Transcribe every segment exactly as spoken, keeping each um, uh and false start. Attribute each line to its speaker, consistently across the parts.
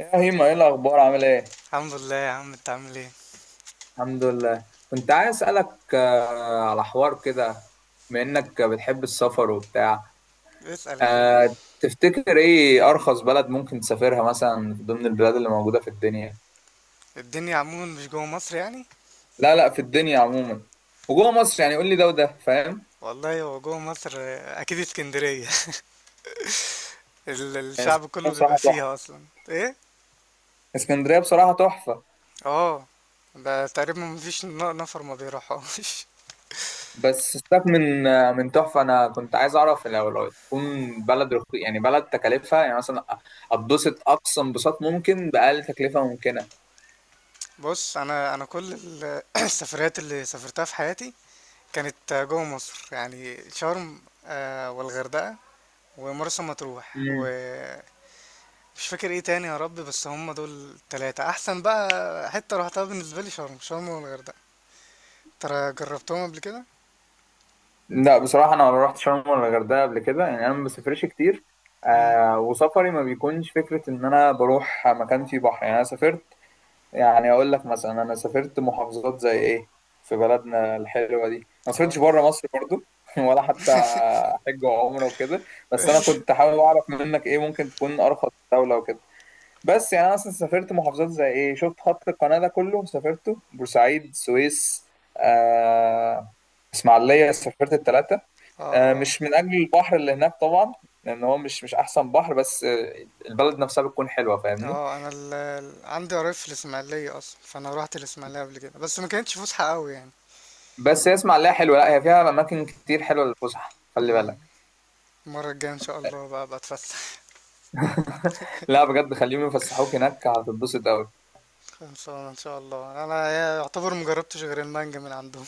Speaker 1: يا هيما، ايه الاخبار؟ عامل ايه؟
Speaker 2: الحمد لله يا عم، انت عامل ايه؟
Speaker 1: الحمد لله. كنت عايز أسألك آه، على حوار كده، بما إنك بتحب السفر وبتاع.
Speaker 2: اسأل يا اخويا.
Speaker 1: آه، تفتكر إيه أرخص بلد ممكن تسافرها مثلا ضمن البلاد اللي موجودة في الدنيا؟
Speaker 2: الدنيا عموما مش جوه مصر يعني؟
Speaker 1: لا، لا، في الدنيا عموما، وجوه مصر يعني قول لي ده وده، فاهم؟
Speaker 2: والله هو جوه مصر، آه، اكيد اسكندرية. ال-
Speaker 1: آه، اسكندريه
Speaker 2: الشعب كله بيبقى
Speaker 1: بصراحه
Speaker 2: فيها
Speaker 1: تحفه.
Speaker 2: اصلا، ايه؟
Speaker 1: اسكندريه بصراحه تحفه.
Speaker 2: اه. ده تقريبا مفيش ن- نفر ما بيروحهاش.
Speaker 1: بس سيبك من آه، من تحفه، انا كنت عايز اعرف لو لو تكون بلد رخي، يعني بلد تكلفها، يعني مثلا اتبسط اقصى انبساط ممكن باقل تكلفه ممكنه.
Speaker 2: بص، انا انا كل ال- السفريات اللي سافرتها في حياتي كانت جوه مصر، يعني شرم، آه، والغردقة، ومرسى مطروح،
Speaker 1: مم.
Speaker 2: ومش فاكر ايه تاني يا رب. بس هم دول التلاتة احسن بقى. حتة روحتها بالنسبة لي شرم شرم والغردقة. ترى جربتهم قبل كده؟
Speaker 1: لا، بصراحة أنا ما رحت شرم ولا الغردقة قبل كده، يعني أنا ما بسافرش كتير.
Speaker 2: امم.
Speaker 1: آه وسفري ما بيكونش فكرة إن أنا بروح مكان فيه بحر، يعني أنا سافرت. يعني أقول لك مثلا أنا سافرت محافظات زي إيه، في بلدنا الحلوة دي، ما
Speaker 2: اه،
Speaker 1: سافرتش بره مصر برضو. ولا حتى حج وعمرة وكده. بس أنا كنت حابب أعرف منك، إيه ممكن تكون أرخص دولة وكده. بس يعني انا اصلا سافرت محافظات زي ايه، شفت خط القناة ده كله سافرته، بورسعيد، السويس، آه اسماعيلية، سافرت التلاتة.
Speaker 2: اه،
Speaker 1: آه
Speaker 2: اه،
Speaker 1: مش من اجل البحر اللي هناك طبعا، لان هو مش مش احسن بحر، بس آه، البلد نفسها بتكون حلوة، فاهمني.
Speaker 2: اه. انا ال... ال- عندي قرايب في الاسماعيليه اصلا، فانا روحت الاسماعيليه قبل كده، بس ما كانتش فسحه قوي يعني.
Speaker 1: بس هي اسماعيلية حلوة، لا هي فيها اماكن كتير حلوة للفسح، خلي
Speaker 2: امم.
Speaker 1: بالك.
Speaker 2: المره الجايه ان شاء الله بقى بتفسح.
Speaker 1: لا بجد، خليهم يفسحوك هناك هتتبسط قوي.
Speaker 2: خلصانه ان شاء الله. انا يعتبر مجربتش غير المانجا من عندهم.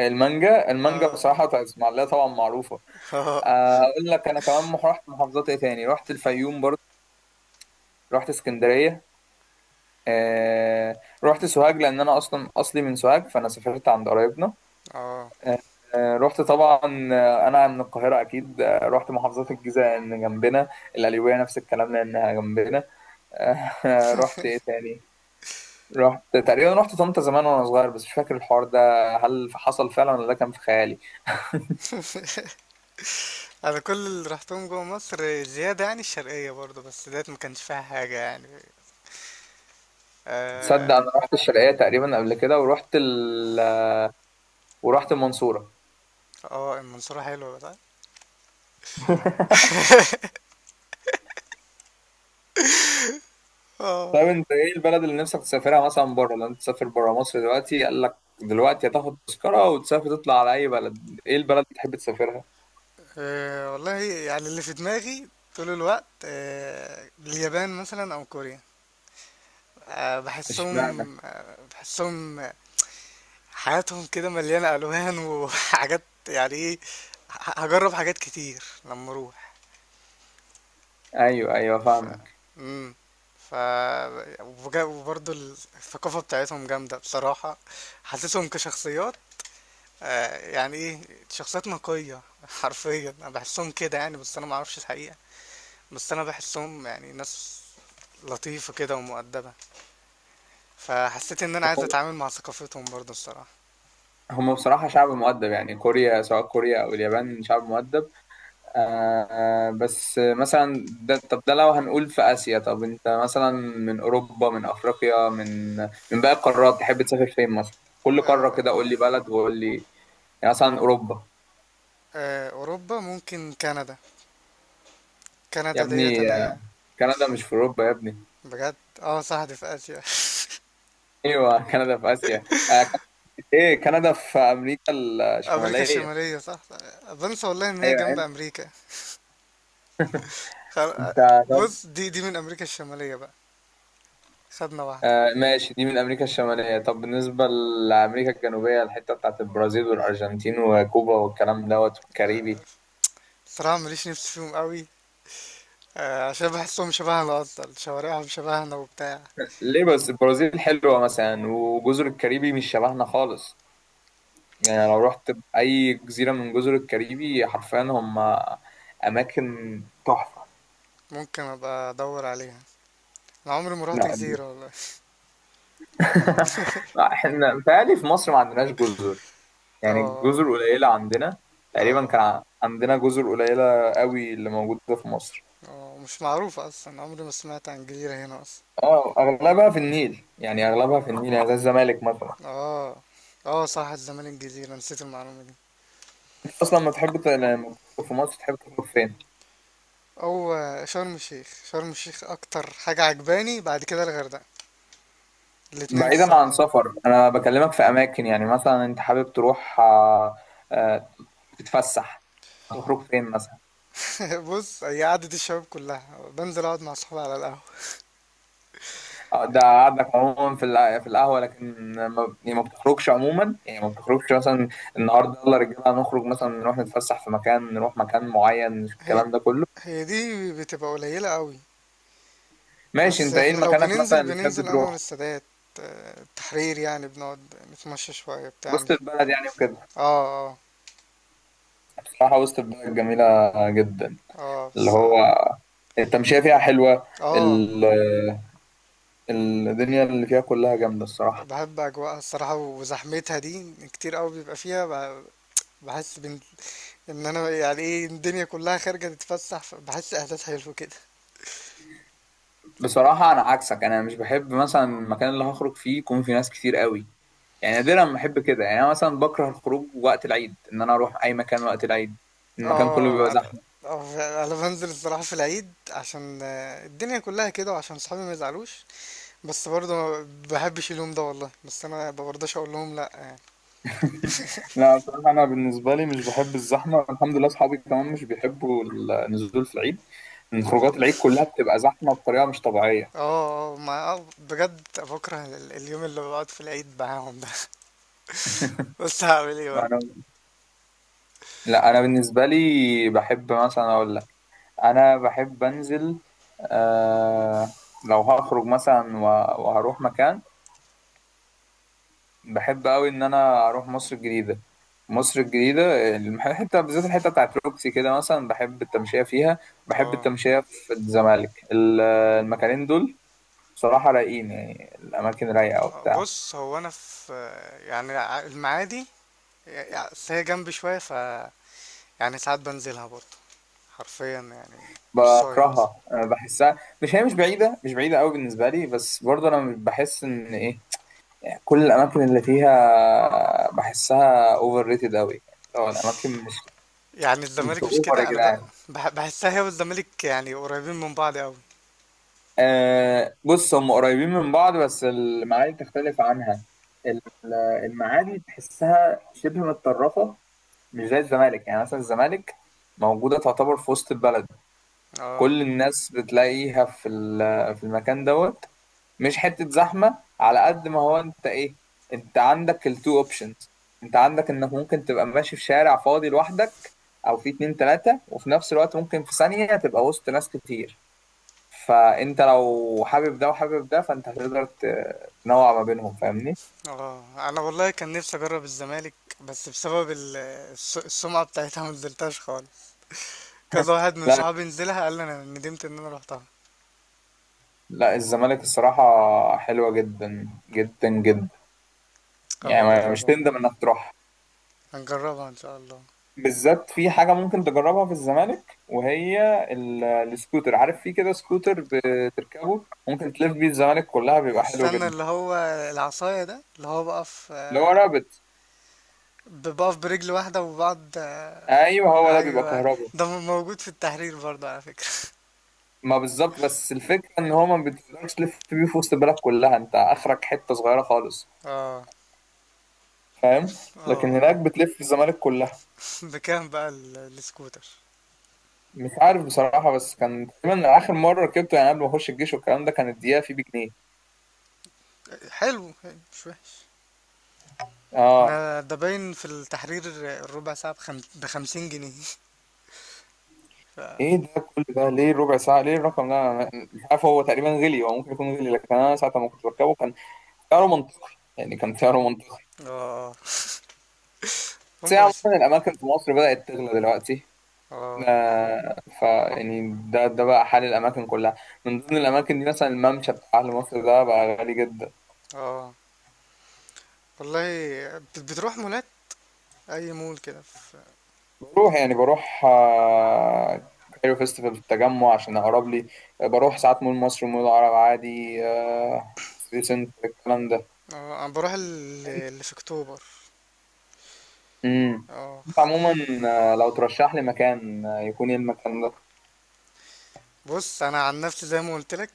Speaker 1: المانجا، المانجا
Speaker 2: اه.
Speaker 1: بصراحة بتاعت اسماعيلية طبعا معروفة.
Speaker 2: اه.
Speaker 1: آه، اقول لك انا كمان مح- رحت محافظات ايه تاني، رحت الفيوم برضه، رحت اسكندرية. آه رحت سوهاج، لأن أنا أصلا أصلي من سوهاج، فأنا سافرت عند قرايبنا.
Speaker 2: اه.
Speaker 1: آه رحت طبعا. آه، أنا من القاهرة أكيد. آه رحت محافظات الجيزة لأن جنبنا، القليوبية نفس الكلام لأنها جنبنا. آه رحت إيه تاني؟ رحت تقريبا، رحت طنطا زمان وأنا صغير، بس مش فاكر الحوار ده، هل حصل فعلا ولا ده كان في خيالي؟
Speaker 2: انا كل اللي رحتهم جوه مصر زياده، يعني الشرقيه برضه، بس ديت ما كانش فيها حاجه يعني.
Speaker 1: تصدق
Speaker 2: اه.
Speaker 1: أنا رحت الشرقية تقريبا قبل كده، ورحت ال... ورحت المنصورة.
Speaker 2: آه، المنصوره حلوه بقى. اه.
Speaker 1: طيب، انت ايه البلد اللي نفسك تسافرها مثلا بره؟ لو انت تسافر بره مصر دلوقتي، قال لك دلوقتي هتاخد تذكرة وتسافر تطلع على اي بلد، ايه البلد اللي تحب تسافرها؟
Speaker 2: أه والله يعني اللي في دماغي طول الوقت، أه اليابان مثلا او كوريا. أه
Speaker 1: اشمعنى؟
Speaker 2: بحسهم أه بحسهم آه، حياتهم كده مليانة الوان وحاجات، يعني ايه، ه- هجرب حاجات كتير لما اروح.
Speaker 1: ايوه، ايوه،
Speaker 2: ف
Speaker 1: فاهمك.
Speaker 2: مم. ف وبجا- وبرضه الثقافة بتاعتهم جامدة بصراحة، حاسسهم كشخصيات، آه، يعني ايه، شخصيات نقية. حرفيا انا بحسهم كده يعني، بس انا معرفش الحقيقة، بس انا بحسهم يعني ناس لطيفة كده ومؤدبة، فحسيت ان انا عايز
Speaker 1: هم
Speaker 2: اتعامل مع ثقافتهم برضو الصراحة.
Speaker 1: هم بصراحة شعب مؤدب، يعني كوريا، سواء كوريا او اليابان شعب مؤدب. آه بس مثلا ده، طب ده لو هنقول في اسيا، طب انت مثلا من اوروبا، من افريقيا، من من باقي القارات تحب تسافر فين مثلا؟ كل
Speaker 2: آه،
Speaker 1: قارة كده، قول لي بلد وقول لي، يعني مثلا اوروبا.
Speaker 2: آه، اوروبا ممكن كندا.
Speaker 1: يا
Speaker 2: كندا ديت
Speaker 1: ابني،
Speaker 2: انا.
Speaker 1: كندا مش في اوروبا يا ابني.
Speaker 2: بجد. اه، صح، دي في اسيا.
Speaker 1: ايوه، كندا في اسيا؟ آه كانت، ايه، كندا في امريكا
Speaker 2: امريكا
Speaker 1: الشماليه.
Speaker 2: الشمالية صح. بنسى والله ان هي
Speaker 1: ايوه،
Speaker 2: جنب
Speaker 1: انت،
Speaker 2: امريكا. خل...
Speaker 1: انت،
Speaker 2: آه،
Speaker 1: طب.
Speaker 2: بص، دي دي من امريكا الشمالية بقى. خدنا واحدة.
Speaker 1: آه ماشي، دي من امريكا الشماليه. طب بالنسبه لامريكا الجنوبيه، الحته بتاعت البرازيل والارجنتين وكوبا والكلام دوت والكاريبي.
Speaker 2: صراحة ماليش نفس فيهم قوي، آه، عشان بحسهم شبهنا، اصلا شوارعهم شبهنا وبتاع.
Speaker 1: ليه؟ بس البرازيل حلوه مثلا، وجزر الكاريبي مش شبهنا خالص. يعني لو رحت اي جزيره من جزر الكاريبي، حرفيا هم اماكن تحفه.
Speaker 2: ممكن ابقى ادور عليها. انا عمري ما رحت
Speaker 1: لا.
Speaker 2: جزيرة والله.
Speaker 1: لا، احنا بيتهيألي في مصر ما عندناش جزر،
Speaker 2: اه.
Speaker 1: يعني
Speaker 2: آه.
Speaker 1: الجزر قليلة عندنا. تقريبا
Speaker 2: اه،
Speaker 1: كان ع- عندنا جزر قليلة قوي اللي موجودة في مصر.
Speaker 2: اه، مش معروفة اصلا، عمري ما سمعت عن جزيرة هنا اصلا.
Speaker 1: اه، اغلبها في النيل، يعني اغلبها في النيل، يعني زي الزمالك مثلا.
Speaker 2: اه. اه، صح، الزمالك الجزيرة، نسيت المعلومة دي.
Speaker 1: انت اصلا لما تحب ت- لما تخرج في مصر تحب تخرج فين؟
Speaker 2: او آه، شرم الشيخ، شرم الشيخ اكتر حاجة عجباني، بعد كده الغردقة، الاتنين
Speaker 1: بعيدا عن
Speaker 2: الصراحة.
Speaker 1: سفر، انا بكلمك في اماكن، يعني مثلا انت حابب تروح آه، آه، تتفسح، تخرج فين مثلا؟
Speaker 2: بص، هي قعدة الشباب كلها بنزل اقعد مع صحابي على القهوة.
Speaker 1: آه، ده قعدك عموما في الع- في القهوه، لكن ما يعني ما بتخرجش عموما، يعني ما بتخرجش مثلا النهارده يلا رجاله هنخرج مثلا، نروح نتفسح في مكان، نروح مكان معين
Speaker 2: هي
Speaker 1: الكلام ده كله.
Speaker 2: هي دي بتبقى قليلة قوي.
Speaker 1: ماشي،
Speaker 2: بس
Speaker 1: انت ايه
Speaker 2: احنا لو
Speaker 1: مكانك مثلا
Speaker 2: بننزل
Speaker 1: اللي تحب
Speaker 2: بننزل انور
Speaker 1: تروح؟
Speaker 2: السادات، آه، التحرير، يعني بنقعد نتمشى شوية بتاع.
Speaker 1: وسط البلد يعني وكده.
Speaker 2: اه. اه.
Speaker 1: بصراحه وسط البلد جميله جدا،
Speaker 2: اه
Speaker 1: اللي
Speaker 2: بس.
Speaker 1: هو
Speaker 2: اه.
Speaker 1: التمشيه فيها حلوه.
Speaker 2: آه.
Speaker 1: ال- الدنيا اللي فيها كلها جامده الصراحه.
Speaker 2: بحب أجواءها الصراحة، وزحمتها دي كتير قوي بيبقى فيها، ب- بحس بن... إن أنا يعني إيه الدنيا كلها خارجة تتفسح، بحس إحساس حلو كده.
Speaker 1: بصراحه انا عكسك، انا مش بحب مثلا المكان اللي هخرج فيه يكون فيه ناس كتير قوي، يعني نادرا ما احب كده، يعني انا مثلا بكره الخروج وقت العيد، ان انا اروح اي مكان وقت العيد المكان كله بيبقى
Speaker 2: اه أنا.
Speaker 1: زحمه.
Speaker 2: آه، أنا بنزل الصراحة في العيد عشان آه، الدنيا كلها كده، وعشان صحابي ما يزعلوش، بس برضه ما بحبش اليوم ده والله، بس أنا ما برضاش أقول لهم لأ يعني.
Speaker 1: لا، بصراحة أنا بالنسبة لي مش بحب الزحمة، الحمد لله أصحابي كمان مش بيحبوا النزول في العيد، لأن
Speaker 2: طب.
Speaker 1: خروجات العيد كلها بتبقى زحمة بطريقة مش طبيعية.
Speaker 2: اه، اه، ما آه، بجد بكره ال- اليوم اللي بقعد في العيد معاهم ده. بس هعمل ايه بقى؟
Speaker 1: أنا... لا، انا بالنسبه لي بحب، مثلا اقول لك، انا بحب انزل. آه... لو هخرج مثلا و- وهروح مكان، بحب قوي ان انا اروح مصر الجديده. مصر الجديده الحته بالذات، الحته بتاعت روكسي كده مثلا بحب التمشيه فيها. بحب
Speaker 2: اه.
Speaker 1: التمشيه في الزمالك، ال- المكانين دول بصراحه رايقين، يعني الاماكن رايقه
Speaker 2: آه،
Speaker 1: وبتاع.
Speaker 2: بص، هو انا في، يعني ع- المعادي، يعني أصل هي جنبي شويه، ف يعني ساعات بنزلها برضه، حرفيا يعني نصاية مثلا،
Speaker 1: بكرهها أنا، بحسها، مش، هي مش بعيده، مش بعيده قوي بالنسبه لي، بس برضه انا مش بحس ان ايه، كل الاماكن اللي فيها بحسها اوفر ريتد قوي، يعني لو الاماكن مش،
Speaker 2: يعني الزمالك
Speaker 1: انتوا
Speaker 2: مش
Speaker 1: اوفر يا
Speaker 2: كده، انا ب...
Speaker 1: جدعان.
Speaker 2: بح- بحسها هي والزمالك يعني قريبين من بعض قوي.
Speaker 1: آه بص هم قريبين من بعض، بس المعادي تختلف عنها. ال- المعادي تحسها شبه متطرفة، مش زي الزمالك، يعني مثلا الزمالك موجودة تعتبر في وسط البلد.
Speaker 2: اه.
Speaker 1: كل الناس بتلاقيها في ال- في المكان دوت، مش حتة زحمة على قد ما هو، انت ايه، انت عندك التو اوبشنز، انت عندك انك ممكن تبقى ماشي في شارع فاضي لوحدك، او في اتنين تلاتة، وفي نفس الوقت ممكن في ثانية تبقى وسط ناس كتير. فانت لو حابب ده وحابب ده، فانت هتقدر ت- تنوع ما بينهم، فاهمني.
Speaker 2: اه، انا والله كان نفسي اجرب الزمالك، بس بسبب ال- الس- السمعه بتاعتها ما نزلتهاش خالص، كذا واحد من
Speaker 1: لا،
Speaker 2: صحابي نزلها قال لي انا ندمت ان انا روحتها.
Speaker 1: لا، الزمالك الصراحة حلوة جدا جدا جدا،
Speaker 2: هبقى
Speaker 1: يعني ما- مش
Speaker 2: اجربها،
Speaker 1: تندم انك تروح.
Speaker 2: هنجربها ان شاء الله.
Speaker 1: بالذات في حاجة ممكن تجربها في الزمالك، وهي ال- السكوتر، عارف، في كده سكوتر بتركبه ممكن تلف بيه الزمالك كلها، بيبقى حلو
Speaker 2: استنى،
Speaker 1: جدا.
Speaker 2: اللي هو العصاية ده، اللي هو بقف
Speaker 1: اللي هو
Speaker 2: آه،
Speaker 1: رابط.
Speaker 2: بقف برجل واحدة وبعض، آه،
Speaker 1: ايوه، هو ده بيبقى
Speaker 2: أيوة،
Speaker 1: كهربا.
Speaker 2: ده م- موجود في التحرير برضه على فكرة.
Speaker 1: ما بالظبط، بس الفكرة ان هو ما بتقدرش تلف بيه في وسط البلد كلها، انت اخرك حتة صغيرة خالص،
Speaker 2: اه.
Speaker 1: فاهم؟ لكن
Speaker 2: اه،
Speaker 1: هناك بتلف الزمالك كلها.
Speaker 2: بكام بقى ال- السكوتر؟
Speaker 1: مش عارف بصراحة، بس كان تقريبا آخر مرة ركبته يعني قبل ما أخش الجيش والكلام ده، كانت دقيقة فيه بجنيه.
Speaker 2: حلو، حلو، مش وحش.
Speaker 1: اه.
Speaker 2: احنا ده باين في التحرير، الربع ساعة بخم... بخمسين جنيه. ف...
Speaker 1: ايه ده؟ كل ده ليه ربع ساعة؟ ليه الرقم ده؟ أنا مش عارف، هو تقريبا غلي، هو ممكن يكون غلي، لكن أنا ساعة ما كنت بركبه كان سعره منطقي، يعني كان سعره منطقي.
Speaker 2: اه،
Speaker 1: بس هي
Speaker 2: هما بس.
Speaker 1: عموما الأماكن في مصر بدأت تغلى دلوقتي.
Speaker 2: اه،
Speaker 1: آه ف يعني ده ده بقى حال الأماكن كلها. من ضمن الأماكن دي مثلا الممشى بتاع أهل مصر ده بقى غالي جدا.
Speaker 2: اه والله. بت- بتروح مولات، اي مول كده في...
Speaker 1: بروح يعني بروح آه، كايرو فيستيفال في التجمع عشان اقرب لي. بروح ساعات مول مصر ومول العرب عادي، آه، سيتي سنتر الكلام ده.
Speaker 2: اه، انا بروح ال- اللي في اكتوبر.
Speaker 1: امم
Speaker 2: اه.
Speaker 1: انت عموما، آه، لو ترشح لي مكان آه، يكون ايه المكان ده؟
Speaker 2: بص انا عن نفسي زي ما قلت لك،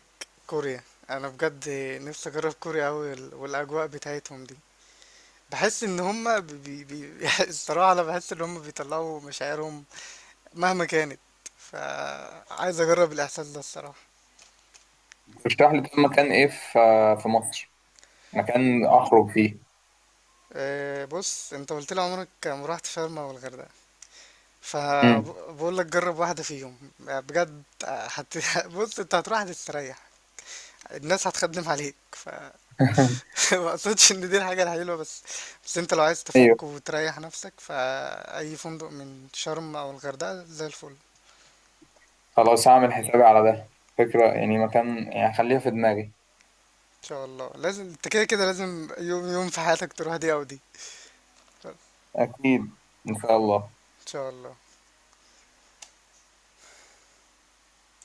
Speaker 2: كوريا. انا بجد نفسي اجرب كوريا قوي، والاجواء بتاعتهم دي بحس ان هم، بي بي الصراحه انا بحس ان هم بيطلعوا مشاعرهم مهما كانت، فعايز اجرب الاحساس ده الصراحه.
Speaker 1: ترشح لي، طب مكان ايه في آه، في مصر، مكان اخرج فيه.
Speaker 2: آه، بص، انت قلت لي عمرك ما رحت شرم او الغردقه،
Speaker 1: امم.
Speaker 2: فبقول لك جرب واحده فيهم بجد، هت... بص انت هتروح هتستريح، الناس هتخدم عليك. ما اقصدش ان دي الحاجة الحلوة بس، بس انت لو عايز
Speaker 1: ايوه،
Speaker 2: تفك وتريح نفسك فأي فندق من شرم او الغردقة زي الفل. ان
Speaker 1: خلاص هعمل حسابي على ده فكرة، يعني مكان، يعني خليها في دماغي.
Speaker 2: شاء الله لازم، انت كده كده لازم يوم يوم في حياتك تروح دي او دي. ان
Speaker 1: اكيد، ان شاء الله.
Speaker 2: شاء الله.